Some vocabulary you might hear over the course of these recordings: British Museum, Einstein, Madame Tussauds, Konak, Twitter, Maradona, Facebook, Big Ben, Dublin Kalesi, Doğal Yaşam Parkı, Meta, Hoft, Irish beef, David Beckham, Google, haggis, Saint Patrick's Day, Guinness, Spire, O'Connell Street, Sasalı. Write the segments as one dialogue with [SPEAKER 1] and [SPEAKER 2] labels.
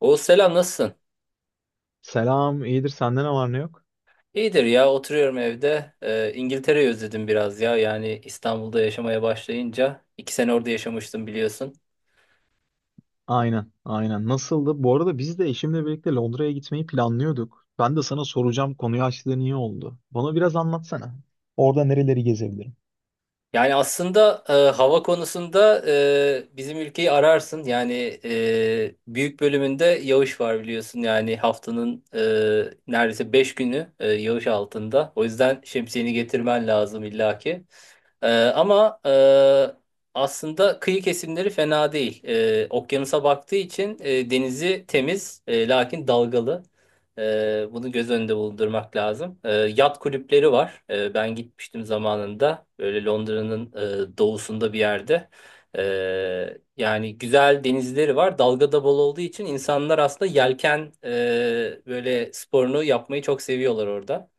[SPEAKER 1] O selam nasılsın?
[SPEAKER 2] Selam, iyidir. Sende ne var ne yok?
[SPEAKER 1] İyidir ya oturuyorum evde. İngiltere'yi özledim biraz ya. Yani İstanbul'da yaşamaya başlayınca 2 sene orada yaşamıştım biliyorsun.
[SPEAKER 2] Aynen, aynen. Nasıldı? Bu arada biz de eşimle birlikte Londra'ya gitmeyi planlıyorduk. Ben de sana soracağım, konuyu açtığın iyi oldu. Bana biraz anlatsana. Orada nereleri gezebilirim?
[SPEAKER 1] Yani aslında, hava konusunda bizim ülkeyi ararsın. Yani büyük bölümünde yağış var biliyorsun. Yani haftanın neredeyse 5 günü yağış altında. O yüzden şemsiyeni getirmen lazım illaki. Ee, Ama aslında kıyı kesimleri fena değil. Okyanusa baktığı için denizi temiz, lakin dalgalı. Bunu göz önünde bulundurmak lazım. Yat kulüpleri var. Ben gitmiştim zamanında. Böyle Londra'nın doğusunda bir yerde. Yani güzel denizleri var. Dalga da bol olduğu için insanlar aslında yelken, böyle sporunu yapmayı çok seviyorlar orada.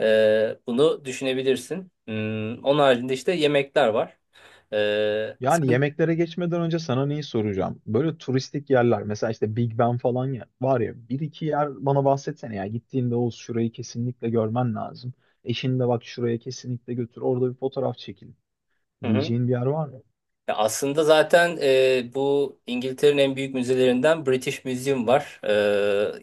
[SPEAKER 1] Bunu düşünebilirsin. Onun haricinde işte yemekler var. Ee,
[SPEAKER 2] Yani
[SPEAKER 1] sen-
[SPEAKER 2] yemeklere geçmeden önce sana neyi soracağım? Böyle turistik yerler, mesela işte Big Ben falan ya, var ya bir iki yer bana bahsetsene ya. Gittiğinde o şurayı kesinlikle görmen lazım. Eşini de bak şuraya kesinlikle götür, orada bir fotoğraf çekin
[SPEAKER 1] Hı hı.
[SPEAKER 2] diyeceğin bir yer var mı?
[SPEAKER 1] Ya aslında zaten, bu İngiltere'nin en büyük müzelerinden British Museum var.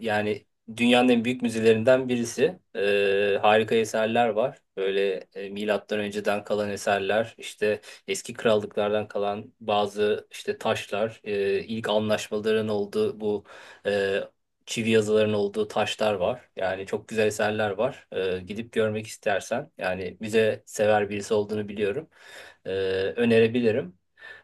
[SPEAKER 1] Yani dünyanın en büyük müzelerinden birisi. Harika eserler var. Böyle milattan önceden kalan eserler, işte eski krallıklardan kalan bazı işte taşlar, ilk anlaşmaların olduğu bu e, çivi yazıların olduğu taşlar var. Yani çok güzel eserler var. Gidip görmek istersen, yani müze sever birisi olduğunu biliyorum. E, Önerebilirim.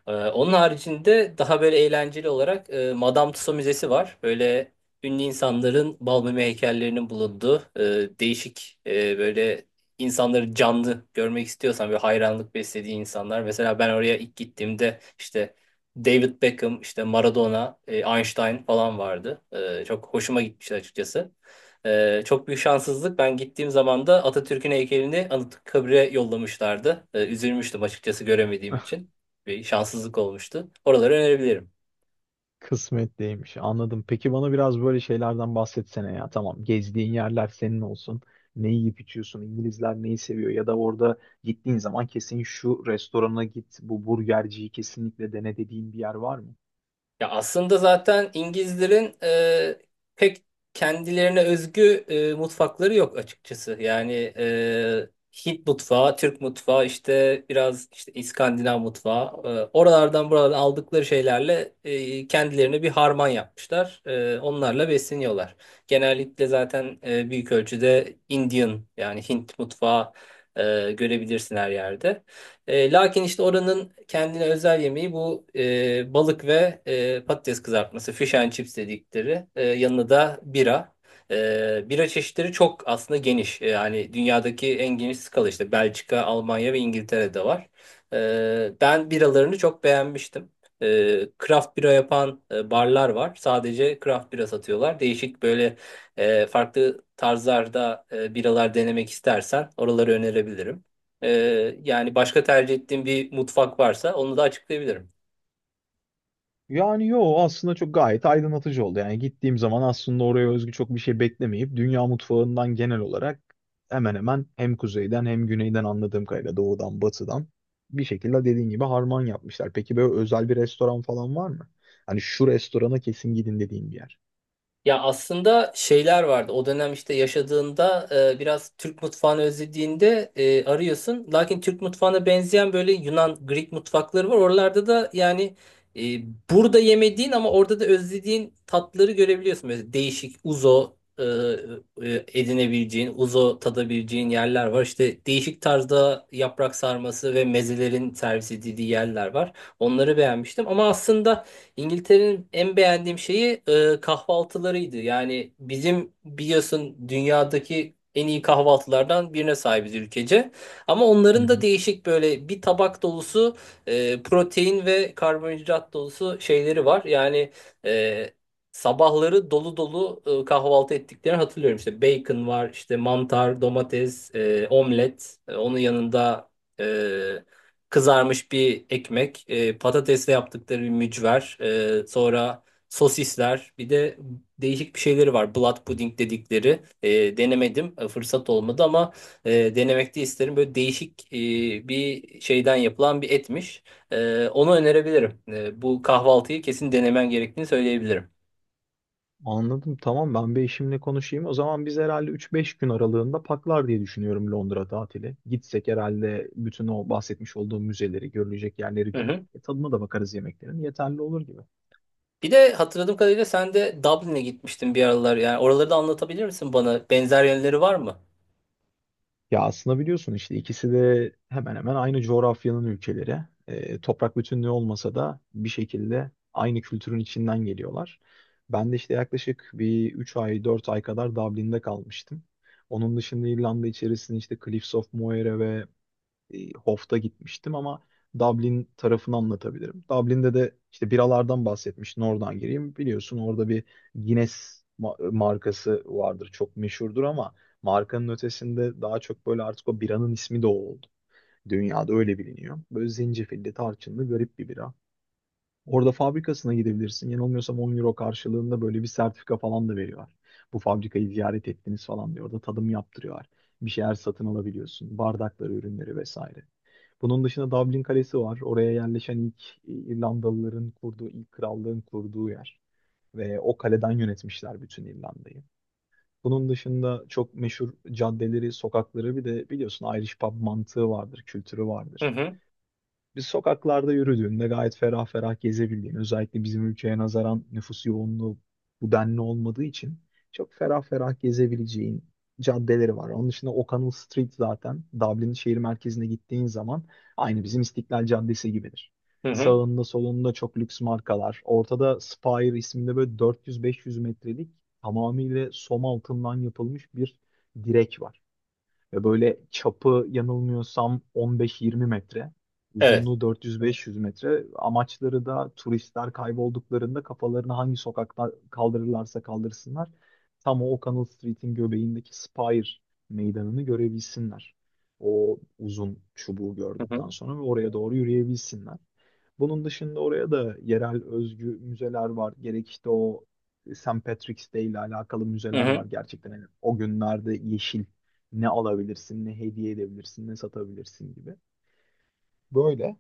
[SPEAKER 1] Onun haricinde daha böyle eğlenceli olarak Madame Tussauds Müzesi var. Böyle ünlü insanların bal mum heykellerinin bulunduğu, değişik, böyle insanları canlı görmek istiyorsan böyle hayranlık beslediği insanlar. Mesela ben oraya ilk gittiğimde işte David Beckham, işte Maradona, Einstein falan vardı. Çok hoşuma gitmişti açıkçası. Çok büyük şanssızlık. Ben gittiğim zaman da Atatürk'ün heykelini Anıtkabir'e yollamışlardı. Üzülmüştüm açıkçası göremediğim için bir şanssızlık olmuştu. Oraları önerebilirim.
[SPEAKER 2] Kısmetliymiş. Anladım. Peki bana biraz böyle şeylerden bahsetsene ya. Tamam, gezdiğin yerler senin olsun. Ne yiyip içiyorsun? İngilizler neyi seviyor? Ya da orada gittiğin zaman kesin şu restorana git, bu burgerciyi kesinlikle dene dediğin bir yer var mı?
[SPEAKER 1] Ya aslında zaten İngilizlerin pek kendilerine özgü mutfakları yok açıkçası. Yani e, Hint mutfağı, Türk mutfağı, işte biraz işte İskandinav mutfağı. Oralardan buradan aldıkları şeylerle kendilerine bir harman yapmışlar. Onlarla besleniyorlar. Genellikle zaten büyük ölçüde Indian yani Hint mutfağı görebilirsin her yerde. Lakin işte oranın kendine özel yemeği bu balık ve patates kızartması, fish and chips dedikleri. Yanına da bira. Bira çeşitleri çok aslında geniş. Yani dünyadaki en geniş skala işte Belçika, Almanya ve İngiltere'de var. Ben biralarını çok beğenmiştim. E, Craft bira yapan barlar var. Sadece craft bira satıyorlar. Değişik böyle, farklı tarzlarda biralar denemek istersen oraları önerebilirim. Yani başka tercih ettiğim bir mutfak varsa onu da açıklayabilirim.
[SPEAKER 2] Yani yo aslında çok gayet aydınlatıcı oldu. Yani gittiğim zaman aslında oraya özgü çok bir şey beklemeyip dünya mutfağından genel olarak hemen hemen hem kuzeyden hem güneyden anladığım kadarıyla doğudan batıdan bir şekilde dediğin gibi harman yapmışlar. Peki böyle özel bir restoran falan var mı? Hani şu restorana kesin gidin dediğin bir yer.
[SPEAKER 1] Ya aslında şeyler vardı. O dönem işte yaşadığında biraz Türk mutfağını özlediğinde arıyorsun. Lakin Türk mutfağına benzeyen böyle Yunan, Greek mutfakları var. Oralarda da yani, e, burada yemediğin ama orada da özlediğin tatları görebiliyorsun. Mesela değişik uzo e, edinebileceğin, uzo tadabileceğin yerler var. İşte değişik tarzda yaprak sarması ve mezelerin servis edildiği yerler var. Onları beğenmiştim. Ama aslında İngiltere'nin en beğendiğim şeyi kahvaltılarıydı. Yani bizim biliyorsun dünyadaki en iyi kahvaltılardan birine sahibiz ülkece. Ama
[SPEAKER 2] Hı
[SPEAKER 1] onların da
[SPEAKER 2] hı.
[SPEAKER 1] değişik böyle bir tabak dolusu protein ve karbonhidrat dolusu şeyleri var. Yani e, sabahları dolu dolu kahvaltı ettiklerini hatırlıyorum. İşte bacon var, işte mantar, domates, omlet. Onun yanında e, kızarmış bir ekmek, patatesle yaptıkları bir mücver, sonra sosisler, bir de değişik bir şeyleri var. Blood pudding dedikleri. Denemedim, fırsat olmadı ama denemek de isterim. Böyle değişik, bir şeyden yapılan bir etmiş. Onu önerebilirim. Bu kahvaltıyı kesin denemen gerektiğini söyleyebilirim.
[SPEAKER 2] Anladım. Tamam ben bir eşimle konuşayım. O zaman biz herhalde 3-5 gün aralığında paklar diye düşünüyorum Londra tatili. Gitsek herhalde bütün o bahsetmiş olduğum müzeleri, görülecek yerleri
[SPEAKER 1] Hı
[SPEAKER 2] görüp
[SPEAKER 1] hı.
[SPEAKER 2] tadına da bakarız yemeklerin. Yeterli olur gibi.
[SPEAKER 1] Bir de hatırladığım kadarıyla sen de Dublin'e gitmiştin bir aralar. Yani oraları da anlatabilir misin bana? Benzer yönleri var mı?
[SPEAKER 2] Ya aslında biliyorsun işte ikisi de hemen hemen aynı coğrafyanın ülkeleri. Toprak bütünlüğü olmasa da bir şekilde aynı kültürün içinden geliyorlar. Ben de işte yaklaşık bir 3 ay 4 ay kadar Dublin'de kalmıştım. Onun dışında İrlanda içerisinde işte Cliffs of Moher'e ve Hoft'a gitmiştim ama Dublin tarafını anlatabilirim. Dublin'de de işte biralardan bahsetmiştin oradan gireyim. Biliyorsun orada bir Guinness markası vardır çok meşhurdur ama markanın ötesinde daha çok böyle artık o biranın ismi de o oldu. Dünyada öyle biliniyor. Böyle zencefilli, tarçınlı garip bir bira. Orada fabrikasına gidebilirsin. Yanılmıyorsam 10 euro karşılığında böyle bir sertifika falan da veriyorlar. Bu fabrikayı ziyaret ettiniz falan diyor. Orada tadım yaptırıyorlar. Bir şeyler satın alabiliyorsun. Bardakları, ürünleri vesaire. Bunun dışında Dublin Kalesi var. Oraya yerleşen ilk İrlandalıların kurduğu, ilk krallığın kurduğu yer. Ve o kaleden yönetmişler bütün İrlanda'yı. Bunun dışında çok meşhur caddeleri, sokakları bir de biliyorsun Irish pub mantığı vardır, kültürü
[SPEAKER 1] Hı
[SPEAKER 2] vardır.
[SPEAKER 1] hı.
[SPEAKER 2] Biz sokaklarda yürüdüğünde gayet ferah ferah gezebildiğin, özellikle bizim ülkeye nazaran nüfus yoğunluğu bu denli olmadığı için çok ferah ferah gezebileceğin caddeleri var. Onun dışında O'Connell Street zaten Dublin'in şehir merkezine gittiğin zaman aynı bizim İstiklal Caddesi gibidir.
[SPEAKER 1] Hı hı.
[SPEAKER 2] Sağında solunda çok lüks markalar. Ortada Spire isminde böyle 400-500 metrelik tamamıyla som altından yapılmış bir direk var. Ve böyle çapı yanılmıyorsam 15-20 metre,
[SPEAKER 1] Evet.
[SPEAKER 2] uzunluğu 400-500 metre. Amaçları da turistler kaybolduklarında kafalarını hangi sokakta kaldırırlarsa kaldırsınlar. Tam o O'Connell Street'in göbeğindeki Spire meydanını görebilsinler. O uzun çubuğu
[SPEAKER 1] Hı hı.
[SPEAKER 2] gördükten sonra ve oraya doğru yürüyebilsinler. Bunun dışında oraya da yerel özgü müzeler var. Gerek işte o Saint Patrick's Day ile alakalı
[SPEAKER 1] Hı
[SPEAKER 2] müzeler var
[SPEAKER 1] hı.
[SPEAKER 2] gerçekten. Yani o günlerde yeşil ne alabilirsin, ne hediye edebilirsin, ne satabilirsin gibi. Böyle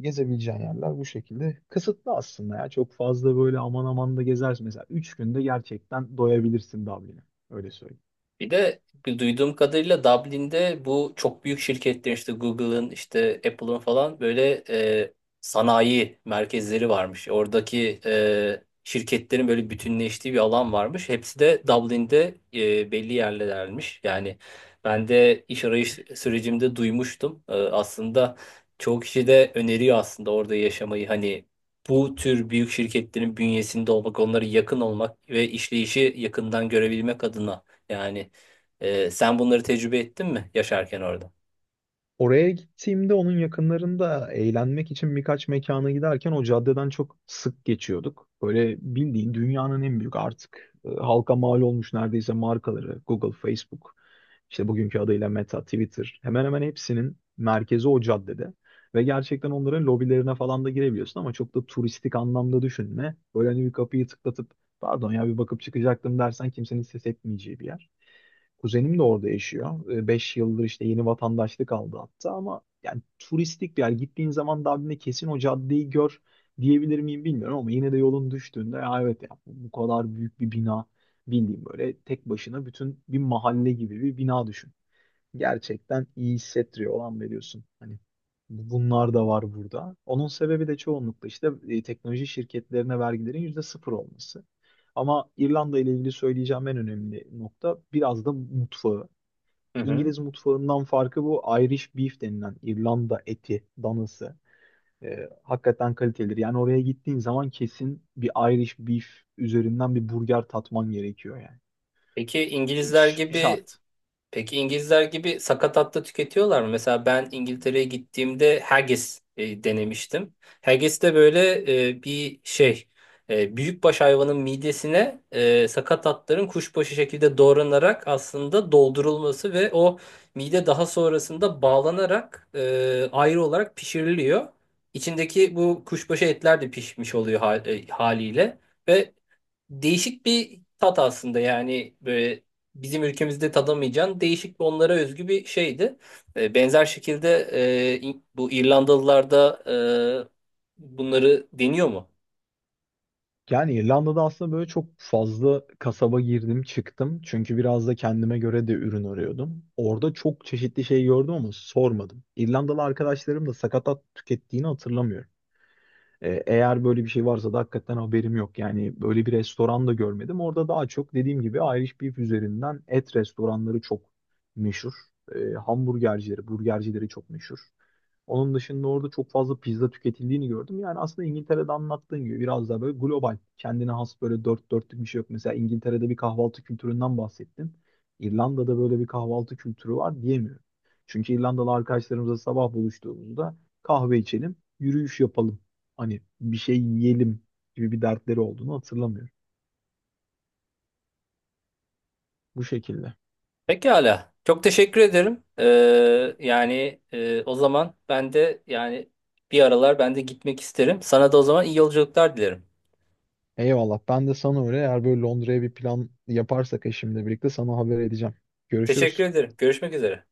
[SPEAKER 2] gezebileceğin yerler bu şekilde. Kısıtlı aslında ya. Çok fazla böyle aman aman da gezersin. Mesela 3 günde gerçekten doyabilirsin Dublin'e. Öyle söyleyeyim.
[SPEAKER 1] Bir de duyduğum kadarıyla Dublin'de bu çok büyük şirketler işte Google'ın işte Apple'ın falan böyle sanayi merkezleri varmış. Oradaki şirketlerin böyle bütünleştiği bir alan varmış. Hepsi de Dublin'de, belli yerlermiş. Yani ben de iş arayış sürecimde duymuştum. Aslında çoğu kişi de öneriyor aslında orada yaşamayı. Hani bu tür büyük şirketlerin bünyesinde olmak, onlara yakın olmak ve işleyişi yakından görebilmek adına. Yani, sen bunları tecrübe ettin mi yaşarken orada?
[SPEAKER 2] Oraya gittiğimde onun yakınlarında eğlenmek için birkaç mekana giderken o caddeden çok sık geçiyorduk. Böyle bildiğin dünyanın en büyük artık halka mal olmuş neredeyse markaları Google, Facebook, işte bugünkü adıyla Meta, Twitter hemen hemen hepsinin merkezi o caddede. Ve gerçekten onların lobilerine falan da girebiliyorsun ama çok da turistik anlamda düşünme. Böyle hani bir kapıyı tıklatıp pardon ya bir bakıp çıkacaktım dersen kimsenin ses etmeyeceği bir yer. Kuzenim de orada yaşıyor. 5 yıldır işte yeni vatandaşlık aldı hatta ama yani turistik bir yer. Gittiğin zaman Dublin'de kesin o caddeyi gör diyebilir miyim bilmiyorum ama yine de yolun düştüğünde ya evet ya bu kadar büyük bir bina bildiğim böyle tek başına bütün bir mahalle gibi bir bina düşün gerçekten iyi hissettiriyor. Olan veriyorsun. Hani bunlar da var burada. Onun sebebi de çoğunlukla işte teknoloji şirketlerine vergilerin yüzde sıfır olması. Ama İrlanda ile ilgili söyleyeceğim en önemli nokta biraz da mutfağı.
[SPEAKER 1] Hı hı.
[SPEAKER 2] İngiliz mutfağından farkı bu Irish beef denilen İrlanda eti, danası. Hakikaten kalitelidir. Yani oraya gittiğin zaman kesin bir Irish beef üzerinden bir burger tatman gerekiyor yani.
[SPEAKER 1] Peki İngilizler
[SPEAKER 2] Evet.
[SPEAKER 1] gibi
[SPEAKER 2] Şart.
[SPEAKER 1] Peki İngilizler gibi sakatat da tüketiyorlar mı? Mesela ben İngiltere'ye gittiğimde haggis denemiştim. Haggis de böyle e, bir şey büyükbaş hayvanın midesine, sakatatların kuşbaşı şekilde doğranarak aslında doldurulması ve o mide daha sonrasında bağlanarak ayrı olarak pişiriliyor. İçindeki bu kuşbaşı etler de pişmiş oluyor haliyle ve değişik bir tat aslında yani böyle bizim ülkemizde tadamayacağın değişik bir onlara özgü bir şeydi. Benzer şekilde bu İrlandalılarda bunları deniyor mu?
[SPEAKER 2] Yani İrlanda'da aslında böyle çok fazla kasaba girdim çıktım. Çünkü biraz da kendime göre de ürün arıyordum. Orada çok çeşitli şey gördüm ama sormadım. İrlandalı arkadaşlarım da sakatat tükettiğini hatırlamıyorum. Eğer böyle bir şey varsa da hakikaten haberim yok. Yani böyle bir restoran da görmedim. Orada daha çok dediğim gibi Irish Beef üzerinden et restoranları çok meşhur. Hamburgercileri, burgercileri çok meşhur. Onun dışında orada çok fazla pizza tüketildiğini gördüm. Yani aslında İngiltere'de anlattığın gibi biraz daha böyle global, kendine has böyle dört dörtlük bir şey yok. Mesela İngiltere'de bir kahvaltı kültüründen bahsettin. İrlanda'da böyle bir kahvaltı kültürü var diyemiyorum. Çünkü İrlandalı arkadaşlarımızla sabah buluştuğumuzda kahve içelim, yürüyüş yapalım hani bir şey yiyelim gibi bir dertleri olduğunu hatırlamıyorum. Bu şekilde.
[SPEAKER 1] Pekala. Çok teşekkür ederim. Yani o zaman ben de yani bir aralar ben de gitmek isterim. Sana da o zaman iyi yolculuklar dilerim.
[SPEAKER 2] Eyvallah. Ben de sana öyle eğer böyle Londra'ya bir plan yaparsak eşimle birlikte sana haber edeceğim.
[SPEAKER 1] Teşekkür
[SPEAKER 2] Görüşürüz.
[SPEAKER 1] ederim. Görüşmek üzere.